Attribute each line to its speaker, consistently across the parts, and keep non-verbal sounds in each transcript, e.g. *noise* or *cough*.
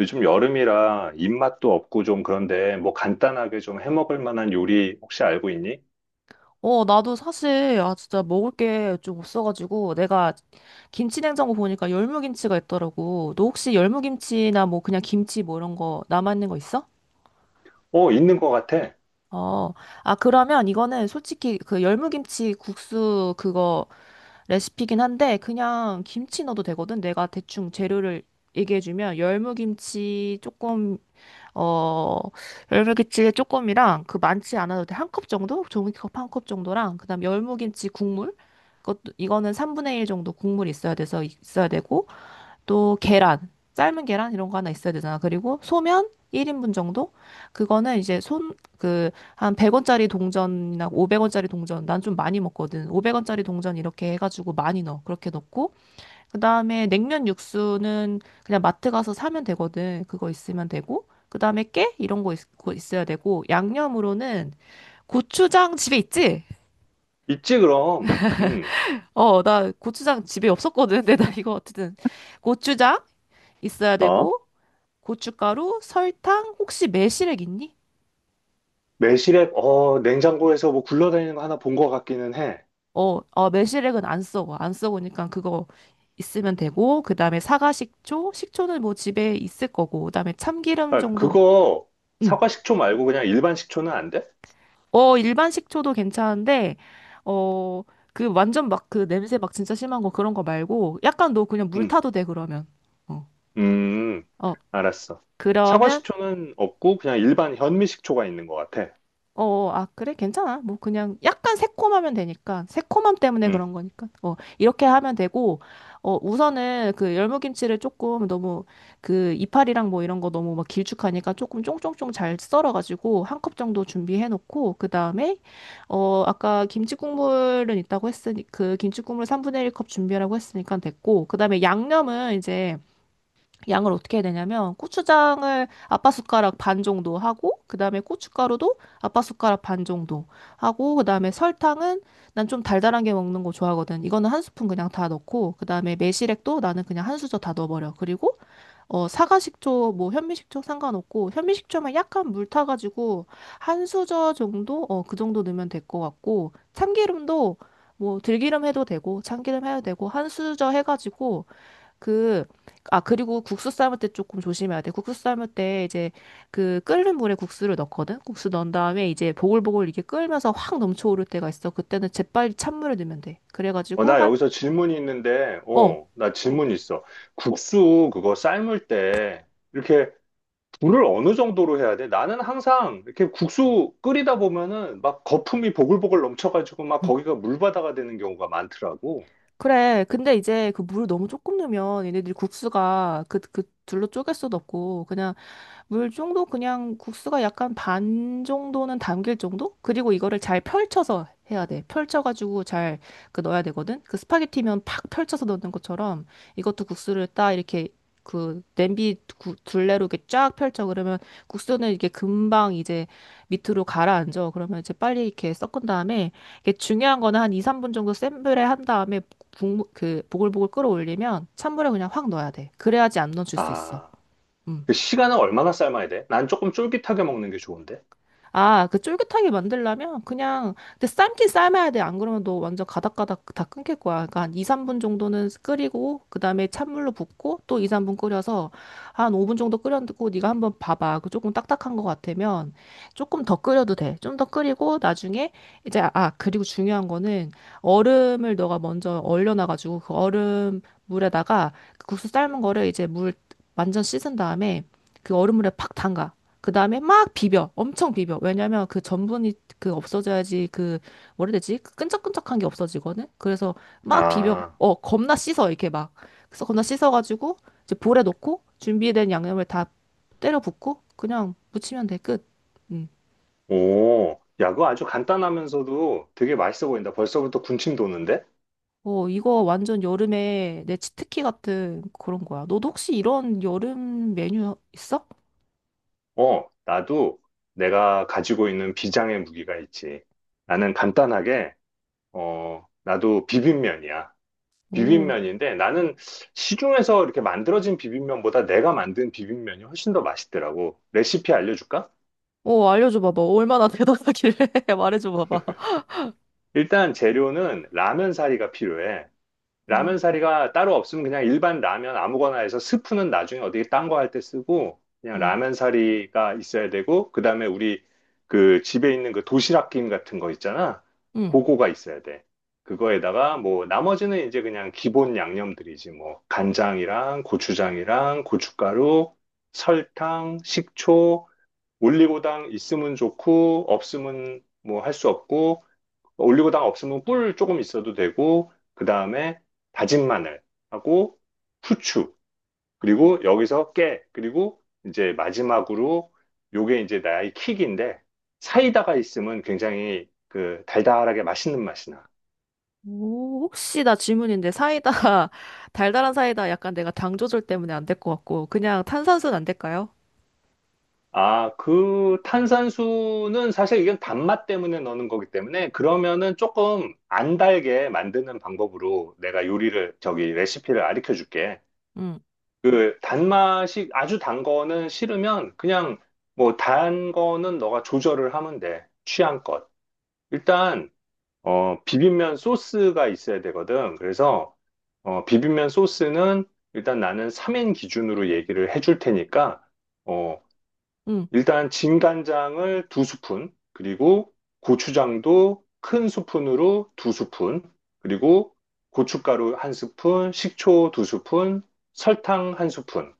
Speaker 1: 요즘 여름이라 입맛도 없고 좀 그런데 뭐 간단하게 좀 해먹을 만한 요리 혹시 알고 있니?
Speaker 2: 어, 나도 사실, 아, 진짜 먹을 게 좀 없어가지고, 내가 김치냉장고 보니까 열무김치가 있더라고. 너 혹시 열무김치나 뭐 그냥 김치 뭐 이런 거 남아있는 거 있어?
Speaker 1: 어, 있는 것 같아.
Speaker 2: 어, 아, 그러면 이거는 솔직히 그 열무김치 국수 그거 레시피긴 한데, 그냥 김치 넣어도 되거든? 내가 대충 재료를 얘기해주면, 열무김치 조금 어, 열무김치 조금이랑 그 많지 않아도 돼. 한 컵 정도? 종이컵 한 컵 정도랑 그다음 열무김치 국물 그것도 이거는 3분의 1 정도 국물이 있어야 돼서 있어야 되고 또 계란, 삶은 계란 이런 거 하나 있어야 되잖아. 그리고 소면 1인분 정도? 그거는 이제 손 그 한 100원짜리 동전이나 500원짜리 동전 난 좀 많이 먹거든. 500원짜리 동전 이렇게 해 가지고 많이 넣어. 그렇게 넣고 그다음에 냉면 육수는 그냥 마트 가서 사면 되거든. 그거 있으면 되고. 그다음에 깨 이런 거 거 있어야 되고 양념으로는 고추장 집에 있지?
Speaker 1: 있지, 그럼. 음.
Speaker 2: 어, 나 고추장 집에 없었거든. 근데 나 이거 어쨌든 고추장 있어야
Speaker 1: 어?
Speaker 2: 되고 고춧가루, 설탕, 혹시 매실액 있니?
Speaker 1: 매실액, 어, 냉장고에서 뭐 굴러다니는 거 하나 본 것 같기는 해.
Speaker 2: 어, 어, 매실액은 안 써고 안 써보니까 그거 있으면 되고 그다음에 사과 식초, 식초는 뭐 집에 있을 거고 그다음에 참기름
Speaker 1: 아,
Speaker 2: 정도.
Speaker 1: 그거
Speaker 2: 응.
Speaker 1: 사과 식초 말고 그냥 일반 식초는 안 돼?
Speaker 2: 어, 일반 식초도 괜찮은데, 어, 그 완전 막 그 냄새 막 진짜 심한 거 그런 거 말고, 약간 너 그냥 물
Speaker 1: 음,
Speaker 2: 타도 돼, 그러면. 어,
Speaker 1: 음,
Speaker 2: 어,
Speaker 1: 알았어. 사과
Speaker 2: 그러면
Speaker 1: 식초는 없고 그냥 일반 현미 식초가 있는 것 같아.
Speaker 2: 어, 아, 그래? 괜찮아. 뭐, 그냥 약간 새콤하면 되니까. 새콤함 때문에
Speaker 1: 음.
Speaker 2: 그런 거니까. 어, 이렇게 하면 되고, 어, 우선은 그 열무김치를 조금 너무 그 이파리랑 뭐 이런 거 너무 막 길쭉하니까 조금 쫑쫑쫑 잘 썰어가지고 한 컵 정도 준비해놓고, 그 다음에, 어, 아까 김치 국물은 있다고 했으니, 그 김치 국물 3분의 1컵 준비하라고 했으니까 됐고, 그 다음에 양념은 이제 양을 어떻게 해야 되냐면 고추장을 아빠 숟가락 반 정도 하고 그다음에 고춧가루도 아빠 숟가락 반 정도 하고 그다음에 설탕은 난 좀 달달한 게 먹는 거 좋아하거든. 이거는 한 스푼 그냥 다 넣고 그다음에 매실액도 나는 그냥 한 수저 다 넣어버려. 그리고 어 사과식초 뭐 현미식초 상관없고 현미식초만 약간 물 타가지고 한 수저 정도 어 그 정도 넣으면 될 것 같고 참기름도 뭐 들기름 해도 되고 참기름 해도 되고 한 수저 해가지고 그, 아, 그리고 국수 삶을 때 조금 조심해야 돼. 국수 삶을 때 이제 그 끓는 물에 국수를 넣거든? 국수 넣은 다음에 이제 보글보글 이게 끓면서 확 넘쳐오를 때가 있어. 그때는 재빨리 찬물을 넣으면 돼.
Speaker 1: 어,
Speaker 2: 그래가지고
Speaker 1: 나
Speaker 2: 한,
Speaker 1: 여기서 질문이 있는데,
Speaker 2: 어.
Speaker 1: 나 질문 있어. 국수 그거 삶을 때 이렇게 물을 어느 정도로 해야 돼? 나는 항상 이렇게 국수 끓이다 보면은 막 거품이 보글보글 넘쳐가지고 막
Speaker 2: 음.
Speaker 1: 거기가 물바다가 되는 경우가 많더라고.
Speaker 2: 그래. 근데 이제 그 물을 너무 조금 넣으면 얘네들이 국수가 그, 그 둘로 쪼갤 수도 없고 그냥 물 정도 그냥 국수가 약간 반 정도는 담길 정도? 그리고 이거를 잘 펼쳐서 해야 돼. 펼쳐가지고 잘 그 넣어야 되거든. 그 스파게티면 팍 펼쳐서 넣는 것처럼 이것도 국수를 딱 이렇게 그 냄비 둘레로 이렇게 쫙 펼쳐 그러면 국수는 이게 금방 이제 밑으로 가라앉아. 그러면 이제 빨리 이렇게 섞은 다음에 이게 중요한 거는 한 2, 3분 정도 센 불에 한 다음에 국물 그 보글보글 끓어올리면 찬물에 그냥 확 넣어야 돼. 그래야지 안 넣어줄 수 있어.
Speaker 1: 아,
Speaker 2: 음.
Speaker 1: 그 시간은 얼마나 삶아야 돼? 난 조금 쫄깃하게 먹는 게 좋은데.
Speaker 2: 아, 그 쫄깃하게 만들려면 그냥 근데 삶긴 삶아야 돼. 안 그러면 너 완전 가닥가닥 다 끊길 거야. 그러니까 한 2, 3분 정도는 끓이고 그다음에 찬물로 붓고 또 2, 3분 끓여서 한 5분 정도 끓였고 네가 한번 봐봐. 그 조금 딱딱한 것 같으면 조금 더 끓여도 돼. 좀 더 끓이고 나중에 이제 아, 그리고 중요한 거는 얼음을 너가 먼저 얼려놔 가지고 그 얼음 물에다가 그 국수 삶은 거를 이제 물 완전 씻은 다음에 그 얼음물에 팍 담가. 그 다음에 막 비벼. 엄청 비벼. 왜냐면 그 전분이 그 없어져야지 그, 뭐라 해야 되지? 그 끈적끈적한 게 없어지거든? 그래서 막 비벼.
Speaker 1: 아,
Speaker 2: 어, 겁나 씻어. 이렇게 막. 그래서 겁나 씻어가지고 이제 볼에 넣고 준비된 양념을 다 때려 붓고 그냥 무치면 돼. 끝. 음.
Speaker 1: 오, 야, 그거 아주 간단하면서도 되게 맛있어 보인다. 벌써부터 군침 도는데?
Speaker 2: 어, 이거 완전 여름에 내 치트키 같은 그런 거야. 너도 혹시 이런 여름 메뉴 있어?
Speaker 1: 어, 나도 내가 가지고 있는 비장의 무기가 있지. 나는 간단하게, 나도 비빔면이야.
Speaker 2: 오,
Speaker 1: 비빔면인데 나는 시중에서 이렇게 만들어진 비빔면보다 내가 만든 비빔면이 훨씬 더 맛있더라고. 레시피 알려줄까?
Speaker 2: 어, 알려줘 봐봐. 얼마나 대단하길래 *laughs* 말해줘 봐봐.
Speaker 1: 일단 재료는 라면 사리가 필요해.
Speaker 2: 음,
Speaker 1: 라면 사리가 따로 없으면 그냥 일반 라면 아무거나 해서 스프는 나중에 어디 딴 거 할 때 쓰고 그냥
Speaker 2: 음,
Speaker 1: 라면 사리가 있어야 되고, 그다음에 우리 그 집에 있는 그 도시락 김 같은 거 있잖아.
Speaker 2: 음.
Speaker 1: 그거가 있어야 돼. 그거에다가 뭐 나머지는 이제 그냥 기본 양념들이지. 뭐 간장이랑 고추장이랑 고춧가루, 설탕, 식초, 올리고당 있으면 좋고 없으면 뭐 할 수 없고, 올리고당 없으면 꿀 조금 있어도 되고, 그 다음에 다진 마늘하고 후추, 그리고 여기서 깨, 그리고 이제 마지막으로 요게 이제 나의 킥인데, 사이다가 있으면 굉장히 그 달달하게 맛있는 맛이 나.
Speaker 2: 오, 혹시 나 질문인데 사이다, *laughs* 달달한 사이다 약간 내가 당 조절 때문에 안될 것 같고, 그냥 탄산수는 안 될까요?
Speaker 1: 아, 그 탄산수는 사실 이건 단맛 때문에 넣는 거기 때문에, 그러면은 조금 안 달게 만드는 방법으로 내가 요리를, 저기 레시피를 가르쳐 줄게.
Speaker 2: 응,
Speaker 1: 그 단맛이 아주 단 거는 싫으면 그냥 뭐 단 거는 너가 조절을 하면 돼. 취향껏. 일단 비빔면 소스가 있어야 되거든. 그래서 비빔면 소스는, 일단 나는 3인 기준으로 얘기를 해줄 테니까, 어
Speaker 2: 응.
Speaker 1: 일단 진간장을 두 스푼, 그리고 고추장도 큰 스푼으로 두 스푼, 그리고 고춧가루 한 스푼, 식초 두 스푼, 설탕 한 스푼,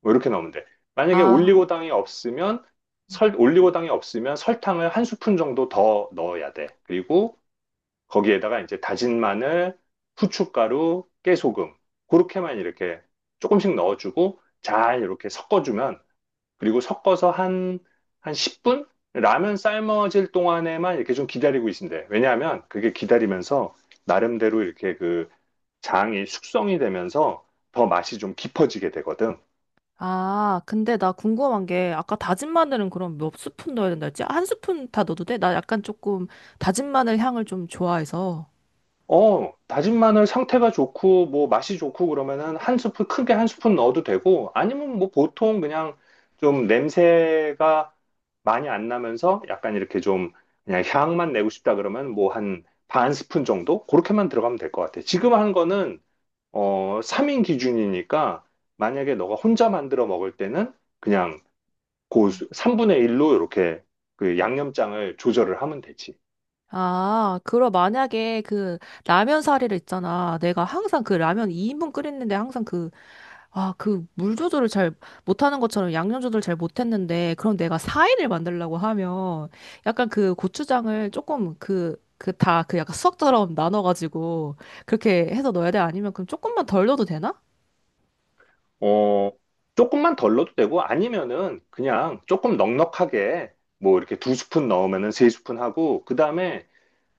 Speaker 1: 뭐 이렇게 넣으면 돼. 만약에
Speaker 2: 아,
Speaker 1: 올리고당이 없으면, 올리고당이 없으면 설탕을 한 스푼 정도 더 넣어야 돼. 그리고 거기에다가 이제 다진 마늘, 후춧가루, 깨소금 그렇게만 이렇게 조금씩 넣어주고 잘 이렇게 섞어주면, 그리고 섞어서 한 10분? 라면 삶아질 동안에만 이렇게 좀 기다리고 있으면 돼. 왜냐하면 그게 기다리면서 나름대로 이렇게 그 장이 숙성이 되면서 더 맛이 좀 깊어지게 되거든.
Speaker 2: 아, 근데 나 궁금한 게, 아까 다진 마늘은 그럼 몇 스푼 넣어야 된다 했지? 한 스푼 다 넣어도 돼? 나 약간 조금 다진 마늘 향을 좀 좋아해서.
Speaker 1: 어, 다진 마늘 상태가 좋고, 뭐, 맛이 좋고, 그러면은 한 스푼, 크게 한 스푼 넣어도 되고, 아니면 뭐, 보통 그냥 좀 냄새가 많이 안 나면서 약간 이렇게 좀 그냥 향만 내고 싶다 그러면 뭐, 한 반 스푼 정도? 그렇게만 들어가면 될 것 같아. 지금 한 거는, 3인 기준이니까, 만약에 너가 혼자 만들어 먹을 때는 그냥 그
Speaker 2: 음.
Speaker 1: 3분의 1로 이렇게 그 양념장을 조절을 하면 되지.
Speaker 2: 아, 그럼 만약에 그 라면 사리를 있잖아. 내가 항상 그 라면 2인분 끓였는데 항상 그 아, 그 물 조절을 잘 못하는 것처럼 양념 조절 잘 못했는데, 그럼 내가 사이를 만들려고 하면, 약간 그 고추장을 조금 그, 그 다 그 약간 수학처럼 나눠가지고, 그렇게 해서 넣어야 돼? 아니면 그럼 조금만 덜 넣어도 되나?
Speaker 1: 어, 조금만 덜 넣어도 되고, 아니면은 그냥 조금 넉넉하게, 뭐 이렇게 두 스푼 넣으면은 세 스푼 하고, 그다음에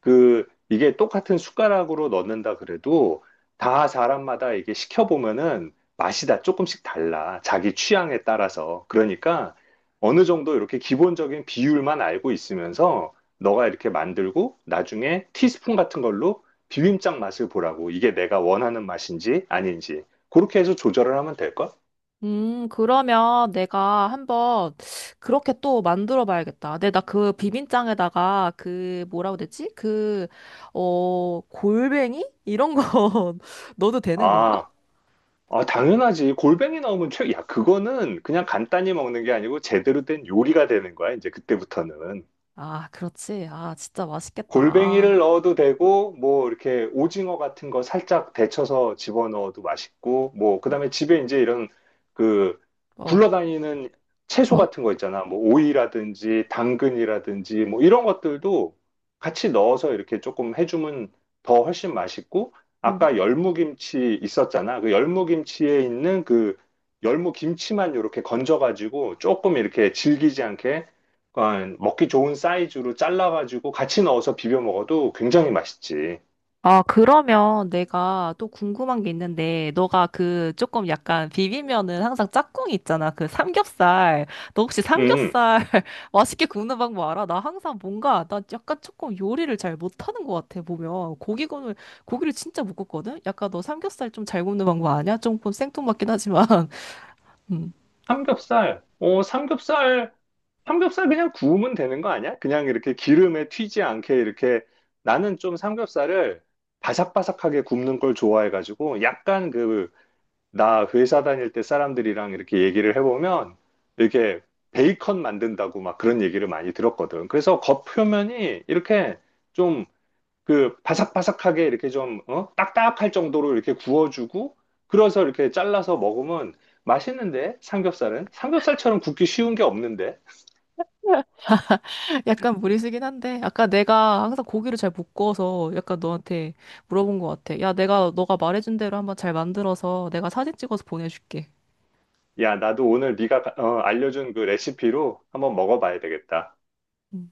Speaker 1: 그 이게 똑같은 숟가락으로 넣는다 그래도 다 사람마다 이게 시켜보면은 맛이 다 조금씩 달라. 자기 취향에 따라서. 그러니까 어느 정도 이렇게 기본적인 비율만 알고 있으면서 너가 이렇게 만들고 나중에 티스푼 같은 걸로 비빔장 맛을 보라고. 이게 내가 원하는 맛인지 아닌지. 그렇게 해서 조절을 하면 될걸?
Speaker 2: 그러면 내가 한번 그렇게 또 만들어 봐야겠다. 근데 나 그 비빔장에다가 그 뭐라고 되지? 그, 어, 골뱅이? 이런 거 *laughs* 넣어도 되는 건가?
Speaker 1: 아, 아, 당연하지. 골뱅이 나오면 야, 그거는 그냥 간단히 먹는 게 아니고 제대로 된 요리가 되는 거야, 이제 그때부터는.
Speaker 2: 아, 그렇지. 아, 진짜 맛있겠다.
Speaker 1: 골뱅이를
Speaker 2: 아.
Speaker 1: 넣어도 되고, 뭐, 이렇게 오징어 같은 거 살짝 데쳐서 집어넣어도 맛있고, 뭐, 그 다음에 집에 이제 이런 그
Speaker 2: 어,
Speaker 1: 굴러다니는 채소
Speaker 2: 어.
Speaker 1: 같은 거 있잖아. 뭐, 오이라든지, 당근이라든지, 뭐, 이런 것들도 같이 넣어서 이렇게 조금 해주면 더 훨씬 맛있고, 아까
Speaker 2: 음.
Speaker 1: 열무김치 있었잖아. 그 열무김치에 있는 그 열무김치만 이렇게 건져가지고 조금 이렇게 질기지 않게, 약간 먹기 좋은 사이즈로 잘라가지고 같이 넣어서 비벼 먹어도 굉장히 맛있지.
Speaker 2: 아, 그러면 내가 또 궁금한 게 있는데, 너가 그 조금 약간 비비면은 항상 짝꿍이 있잖아. 그 삼겹살. 너 혹시
Speaker 1: 음,
Speaker 2: 삼겹살 *laughs* 맛있게 굽는 방법 알아? 나 항상 뭔가, 나 약간 조금 요리를 잘 못하는 것 같아, 보면. 고기 굽는, 고기를 진짜 못 굽거든? 약간 너 삼겹살 좀 잘 굽는 방법 아냐? 조금 생뚱맞긴 하지만. *laughs* 음.
Speaker 1: 삼겹살. 어, 삼겹살. 삼겹살 그냥 구우면 되는 거 아니야? 그냥 이렇게 기름에 튀지 않게 이렇게, 나는 좀 삼겹살을 바삭바삭하게 굽는 걸 좋아해가지고, 약간 그 나 회사 다닐 때 사람들이랑 이렇게 얘기를 해보면 이렇게 베이컨 만든다고 막 그런 얘기를 많이 들었거든. 그래서 겉표면이 이렇게 좀 그 바삭바삭하게 이렇게 좀 어? 딱딱할 정도로 이렇게 구워주고, 그래서 이렇게 잘라서 먹으면 맛있는데, 삼겹살은 삼겹살처럼 굽기 쉬운 게 없는데.
Speaker 2: 약간 무리수긴 한데, 아까 내가 항상 고기를 잘 못 구워서 약간 너한테 물어본 것 같아. 야, 내가 너가 말해준 대로 한번 잘 만들어서 내가 사진 찍어서 보내줄게.
Speaker 1: 야, 나도 오늘 네가 알려준 그 레시피로 한번 먹어봐야 되겠다.
Speaker 2: 음.